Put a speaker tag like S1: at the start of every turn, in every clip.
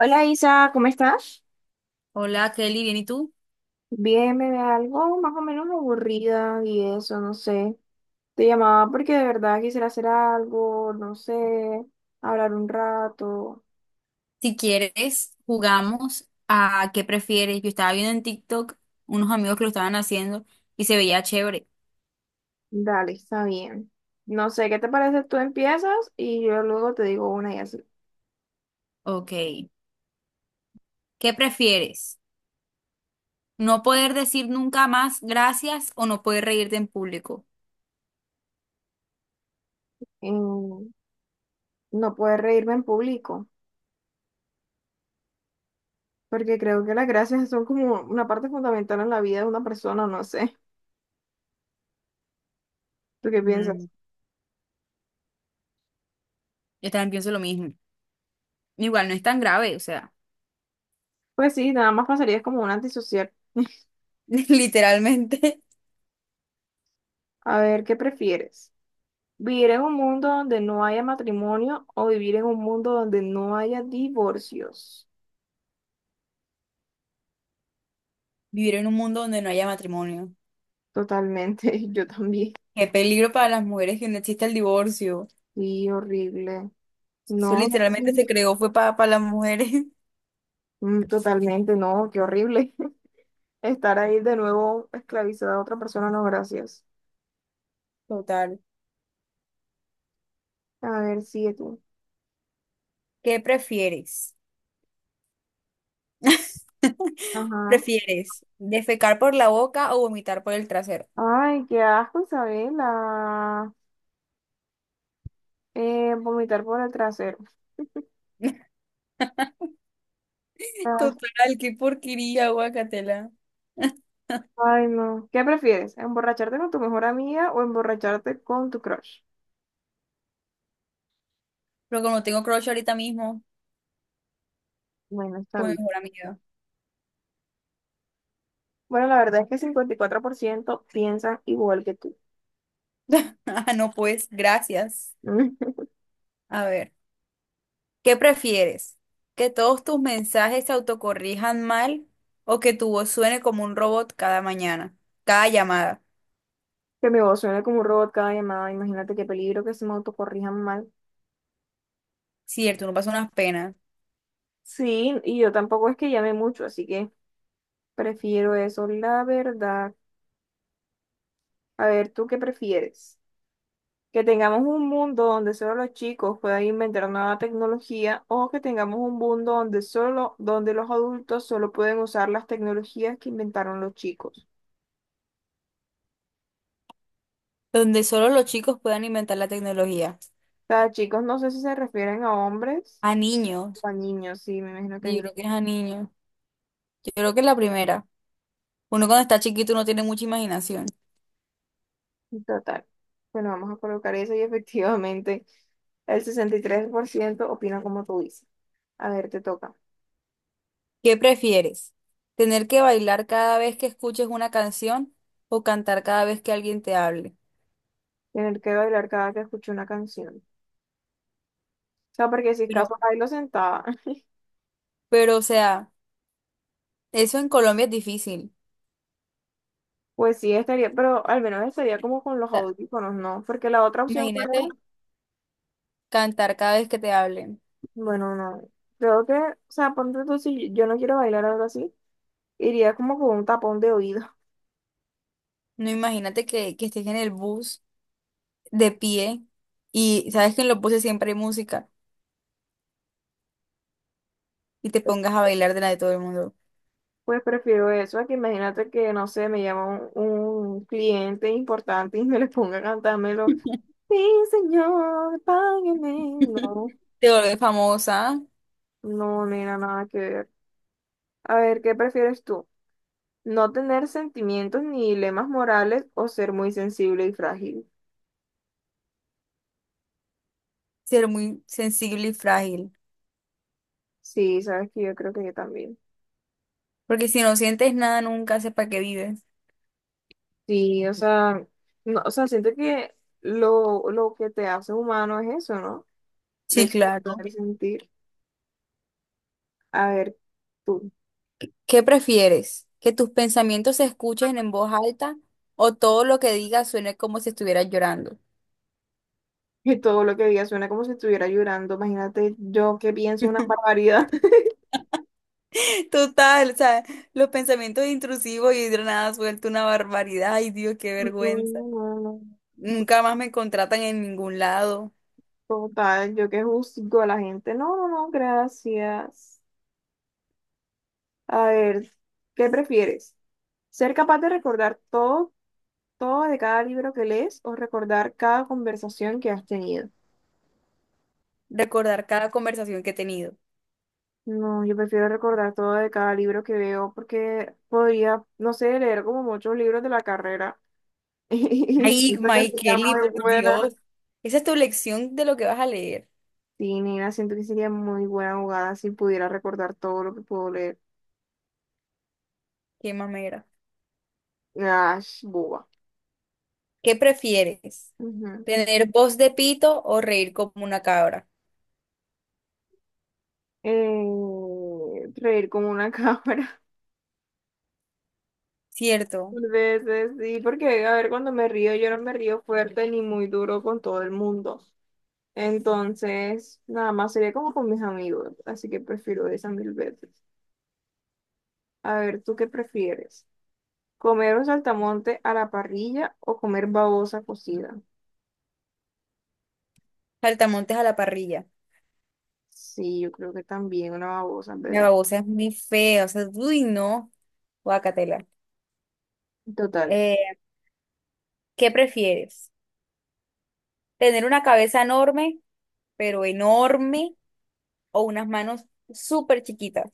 S1: Hola Isa, ¿cómo estás?
S2: Hola Kelly, ¿bien y tú?
S1: Bien, me ve algo más o menos aburrida y eso, no sé. Te llamaba porque de verdad quisiera hacer algo, no sé, hablar un rato.
S2: Si quieres, jugamos a qué prefieres. Yo estaba viendo en TikTok unos amigos que lo estaban haciendo y se veía chévere.
S1: Dale, está bien. No sé, ¿qué te parece? Tú empiezas y yo luego te digo una y así.
S2: Ok, ¿qué prefieres? ¿No poder decir nunca más gracias o no poder reírte en público?
S1: Em, no puedes reírme en público, porque creo que las gracias son como una parte fundamental en la vida de una persona, no sé. ¿Tú qué piensas?
S2: Mm, yo también pienso lo mismo. Igual no es tan grave, o sea,
S1: Pues sí, nada más pasaría como un antisocial.
S2: literalmente
S1: A ver, ¿qué prefieres? Vivir en un mundo donde no haya matrimonio o vivir en un mundo donde no haya divorcios.
S2: vivir en un mundo donde no haya matrimonio.
S1: Totalmente, yo también.
S2: Qué peligro para las mujeres que no exista el divorcio.
S1: Sí, horrible.
S2: Eso
S1: No,
S2: literalmente se creó fue para las mujeres.
S1: totalmente, no, qué horrible. Estar ahí de nuevo esclavizada a otra persona, no, gracias.
S2: Total.
S1: A ver, sigue tú.
S2: ¿Qué prefieres?
S1: Ajá.
S2: ¿Prefieres defecar por la boca o vomitar por el trasero?
S1: Ay, qué asco, Isabela. Vomitar por el trasero. Ah,
S2: Total, qué porquería, guacatela.
S1: ay, no. ¿Qué prefieres? ¿Emborracharte con tu mejor amiga o emborracharte con tu crush?
S2: Pero como tengo crush ahorita mismo,
S1: Bueno, está
S2: con mi
S1: bien.
S2: mejor amiga.
S1: Bueno, la verdad es que el 54% piensan igual que tú.
S2: Ah, no, pues, gracias. A ver, ¿qué prefieres? ¿Que todos tus mensajes se autocorrijan mal o que tu voz suene como un robot cada mañana, cada llamada?
S1: Que mi voz suene como un robot cada llamada. Imagínate qué peligro que se me autocorrijan mal.
S2: Cierto, uno pasa unas penas.
S1: Sí, y yo tampoco es que llame mucho, así que prefiero eso, la verdad. A ver, ¿tú qué prefieres? ¿Que tengamos un mundo donde solo los chicos puedan inventar nueva tecnología o que tengamos un mundo donde solo, donde los adultos solo pueden usar las tecnologías que inventaron los chicos?
S2: Donde solo los chicos puedan inventar la tecnología.
S1: O sea, chicos, no sé si se refieren a hombres
S2: A niños.
S1: o a niños, sí, me imagino que
S2: Sí, yo
S1: niños.
S2: creo que es a niños. Yo creo que es la primera. Uno cuando está chiquito no tiene mucha imaginación.
S1: Total. Bueno, vamos a colocar eso y efectivamente el 63% opina como tú dices. A ver, te toca.
S2: ¿Qué prefieres? ¿Tener que bailar cada vez que escuches una canción o cantar cada vez que alguien te hable?
S1: Tener que bailar cada que escucho una canción. O sea, porque si es
S2: Pero,
S1: caso bailo sentada,
S2: pero, o sea, eso en Colombia es difícil.
S1: pues sí estaría, pero al menos estaría como con
S2: O
S1: los
S2: sea,
S1: audífonos, ¿no? Porque la otra opción fuera,
S2: imagínate cantar cada vez que te hablen.
S1: bueno, no. Creo que, o sea, ponte tú, si yo no quiero bailar algo así, iría como con un tapón de oído.
S2: No, imagínate que estés en el bus de pie y sabes que en los buses siempre hay música y te pongas a bailar de la de todo el mundo.
S1: Pues prefiero eso a que imagínate que, no sé, me llama un, un cliente importante y me le ponga a cantarme. Sí, señor, págueme. No,
S2: Te vuelves famosa,
S1: no, nena, nada que ver. A ver, ¿qué prefieres tú? ¿No tener sentimientos ni dilemas morales o ser muy sensible y frágil?
S2: ser muy sensible y frágil.
S1: Sí, sabes que yo creo que yo también.
S2: Porque si no sientes nada, nunca sé para qué vives.
S1: Sí, o sea, no, o sea, siento que lo que te hace humano es eso, ¿no?
S2: Sí,
S1: De
S2: claro.
S1: poder sentir. A ver, tú.
S2: ¿Qué prefieres? ¿Que tus pensamientos se escuchen en voz alta o todo lo que digas suene como si estuvieras llorando?
S1: Que todo lo que digas suena como si estuviera llorando. Imagínate yo que pienso una barbaridad.
S2: Total, o sea, los pensamientos intrusivos y de nada suelto una barbaridad. Ay, Dios, qué
S1: No,
S2: vergüenza.
S1: no, no, no.
S2: Nunca más me contratan en ningún lado.
S1: Total, yo que juzgo a la gente. No, no, no, gracias. A ver, ¿qué prefieres? ¿Ser capaz de recordar todo, todo de cada libro que lees o recordar cada conversación que has tenido?
S2: Recordar cada conversación que he tenido.
S1: No, yo prefiero recordar todo de cada libro que veo porque podría, no sé, leer como muchos libros de la carrera y
S2: Ay,
S1: siento que
S2: Mike
S1: sería
S2: Kelly, por
S1: muy buena.
S2: Dios. Esa es tu lección de lo que vas a leer.
S1: Sí, nena, siento que sería muy buena jugada si pudiera recordar todo lo que puedo leer.
S2: Qué mamera.
S1: Ash, boba.
S2: ¿Qué prefieres?
S1: Ujú.
S2: ¿Tener voz de pito o reír como una cabra?
S1: Reír como una cabra,
S2: Cierto,
S1: tal vez sí, porque a ver, cuando me río, yo no me río fuerte ni muy duro con todo el mundo. Entonces, nada más sería como con mis amigos, así que prefiero esa mil veces. A ver, ¿tú qué prefieres? ¿Comer un saltamonte a la parrilla o comer babosa cocida?
S2: saltamontes a la parrilla.
S1: Sí, yo creo que también una babosa, en
S2: La
S1: ¿verdad?
S2: babosa es muy fea, o sea, uy, no, guacatela.
S1: Total.
S2: Eh, ¿Qué prefieres? ¿Tener una cabeza enorme, pero enorme, o unas manos súper chiquitas?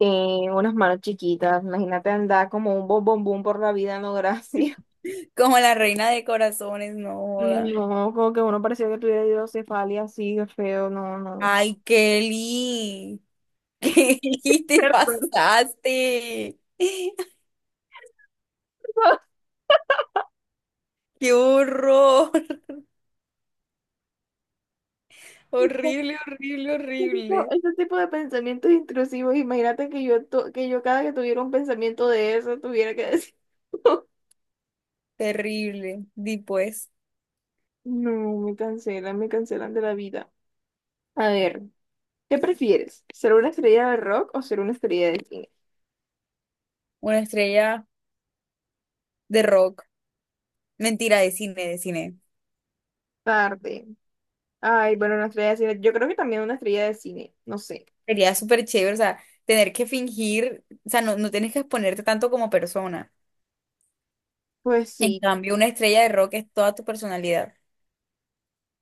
S1: Unas manos chiquitas, imagínate andar como un bombón por la vida, no gracias.
S2: Como la reina de corazones, no joda.
S1: No, como que uno parecía que tuviera hidrocefalia así, qué feo, no, no.
S2: Ay, Kelly, Kelly, te
S1: Perdón.
S2: pasaste. ¡Qué horror! Horrible, horrible,
S1: Ese tipo,
S2: horrible.
S1: ese tipo de pensamientos intrusivos, imagínate que yo, que yo cada que tuviera un pensamiento de eso, tuviera que decir,
S2: Terrible. Di pues,
S1: no, me cancelan de la vida. A ver, ¿qué prefieres? ¿Ser una estrella de rock o ser una estrella de cine?
S2: una estrella de rock. Mentira, de cine, de cine.
S1: Tarde. Ay, bueno, una estrella de cine, yo creo que también una estrella de cine, no sé.
S2: Sería súper chévere, o sea, tener que fingir, o sea, no, no tienes que exponerte tanto como persona.
S1: Pues
S2: En
S1: sí,
S2: cambio, una estrella de rock es toda tu personalidad.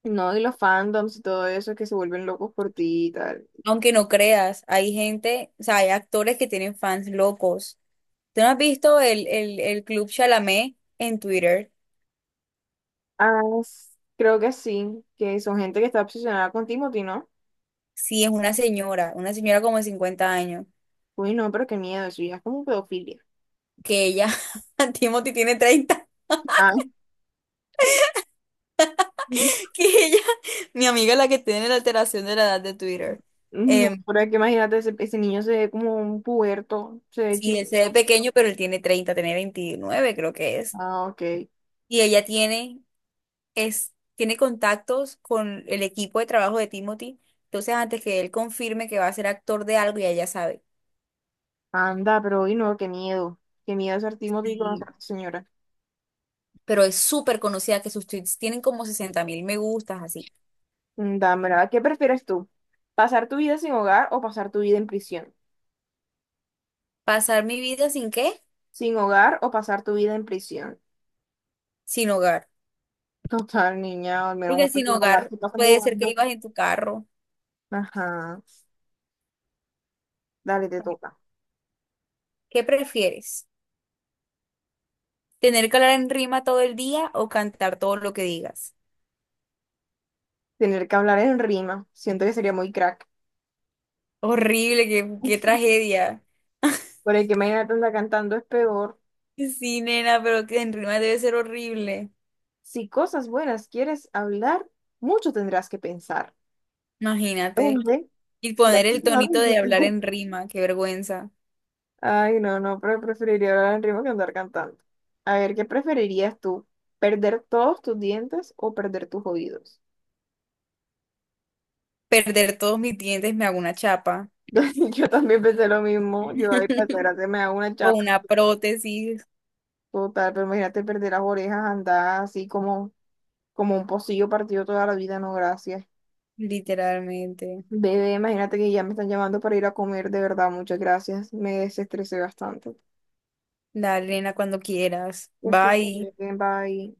S1: no, y los fandoms y todo eso que se vuelven locos por ti y tal.
S2: Aunque no creas, hay gente, o sea, hay actores que tienen fans locos. ¿Tú no has visto el Club Chalamet en Twitter?
S1: Ah, s- Creo que sí, que son gente que está obsesionada con Timothy, ¿no?
S2: Sí, es una señora como de 50 años,
S1: Uy, no, pero qué miedo, eso ya es como pedofilia.
S2: que ella, Timothy tiene 30
S1: Ah,
S2: que ella, mi amiga la que tiene la alteración de la edad de Twitter.
S1: no,
S2: em,
S1: por que imagínate, ese niño se ve como un puberto, se ve
S2: sí, él se ve
S1: chiquito.
S2: pequeño, pero él tiene 30, tiene 29 creo que es.
S1: Ah, ok.
S2: Y ella tiene, es, tiene contactos con el equipo de trabajo de Timothy. Entonces antes que él confirme que va a ser actor de algo, ya ella sabe.
S1: Anda, pero uy, no, qué miedo. Qué miedo ser Timothy y
S2: Y,
S1: conocer a esa señora.
S2: pero es súper conocida que sus tweets tienen como 60.000 me gustas, así.
S1: Dame, ¿qué prefieres tú? ¿Pasar tu vida sin hogar o pasar tu vida en prisión?
S2: ¿Pasar mi vida sin qué?
S1: ¿Sin hogar o pasar tu vida en prisión?
S2: Sin hogar.
S1: Total, niña, al
S2: Porque
S1: menos
S2: sin
S1: sin hogar
S2: hogar
S1: se pasa
S2: puede ser que
S1: mudando.
S2: ibas en tu carro.
S1: Ajá, dale, te toca.
S2: ¿Qué prefieres? Tener que hablar en rima todo el día o cantar todo lo que digas.
S1: Tener que hablar en rima, siento que sería muy crack.
S2: Horrible, qué, qué tragedia.
S1: Porque que imaginarla cantando es peor.
S2: Sí, nena, pero que en rima debe ser horrible.
S1: Si cosas buenas quieres hablar, mucho tendrás que pensar.
S2: Imagínate.
S1: Depende.
S2: Y
S1: Si la
S2: poner el
S1: escuchas no te
S2: tonito de hablar
S1: entiendo.
S2: en rima, qué vergüenza.
S1: Ay, no, no, pero preferiría hablar en rima que andar cantando. A ver, ¿qué preferirías tú? ¿Perder todos tus dientes o perder tus oídos?
S2: Perder todos mis dientes, me hago una chapa.
S1: Yo también pensé lo mismo. Yo, ahí para gracia me hago una
S2: O
S1: chapa
S2: una prótesis,
S1: total, pero imagínate perder las orejas, andar así como, como un pocillo partido toda la vida, no, gracias.
S2: literalmente.
S1: Bebé, imagínate que ya me están llamando para ir a comer, de verdad, muchas gracias. Me desestresé bastante.
S2: Dale, nena, cuando quieras.
S1: Ya estoy
S2: Bye.
S1: bien, bye.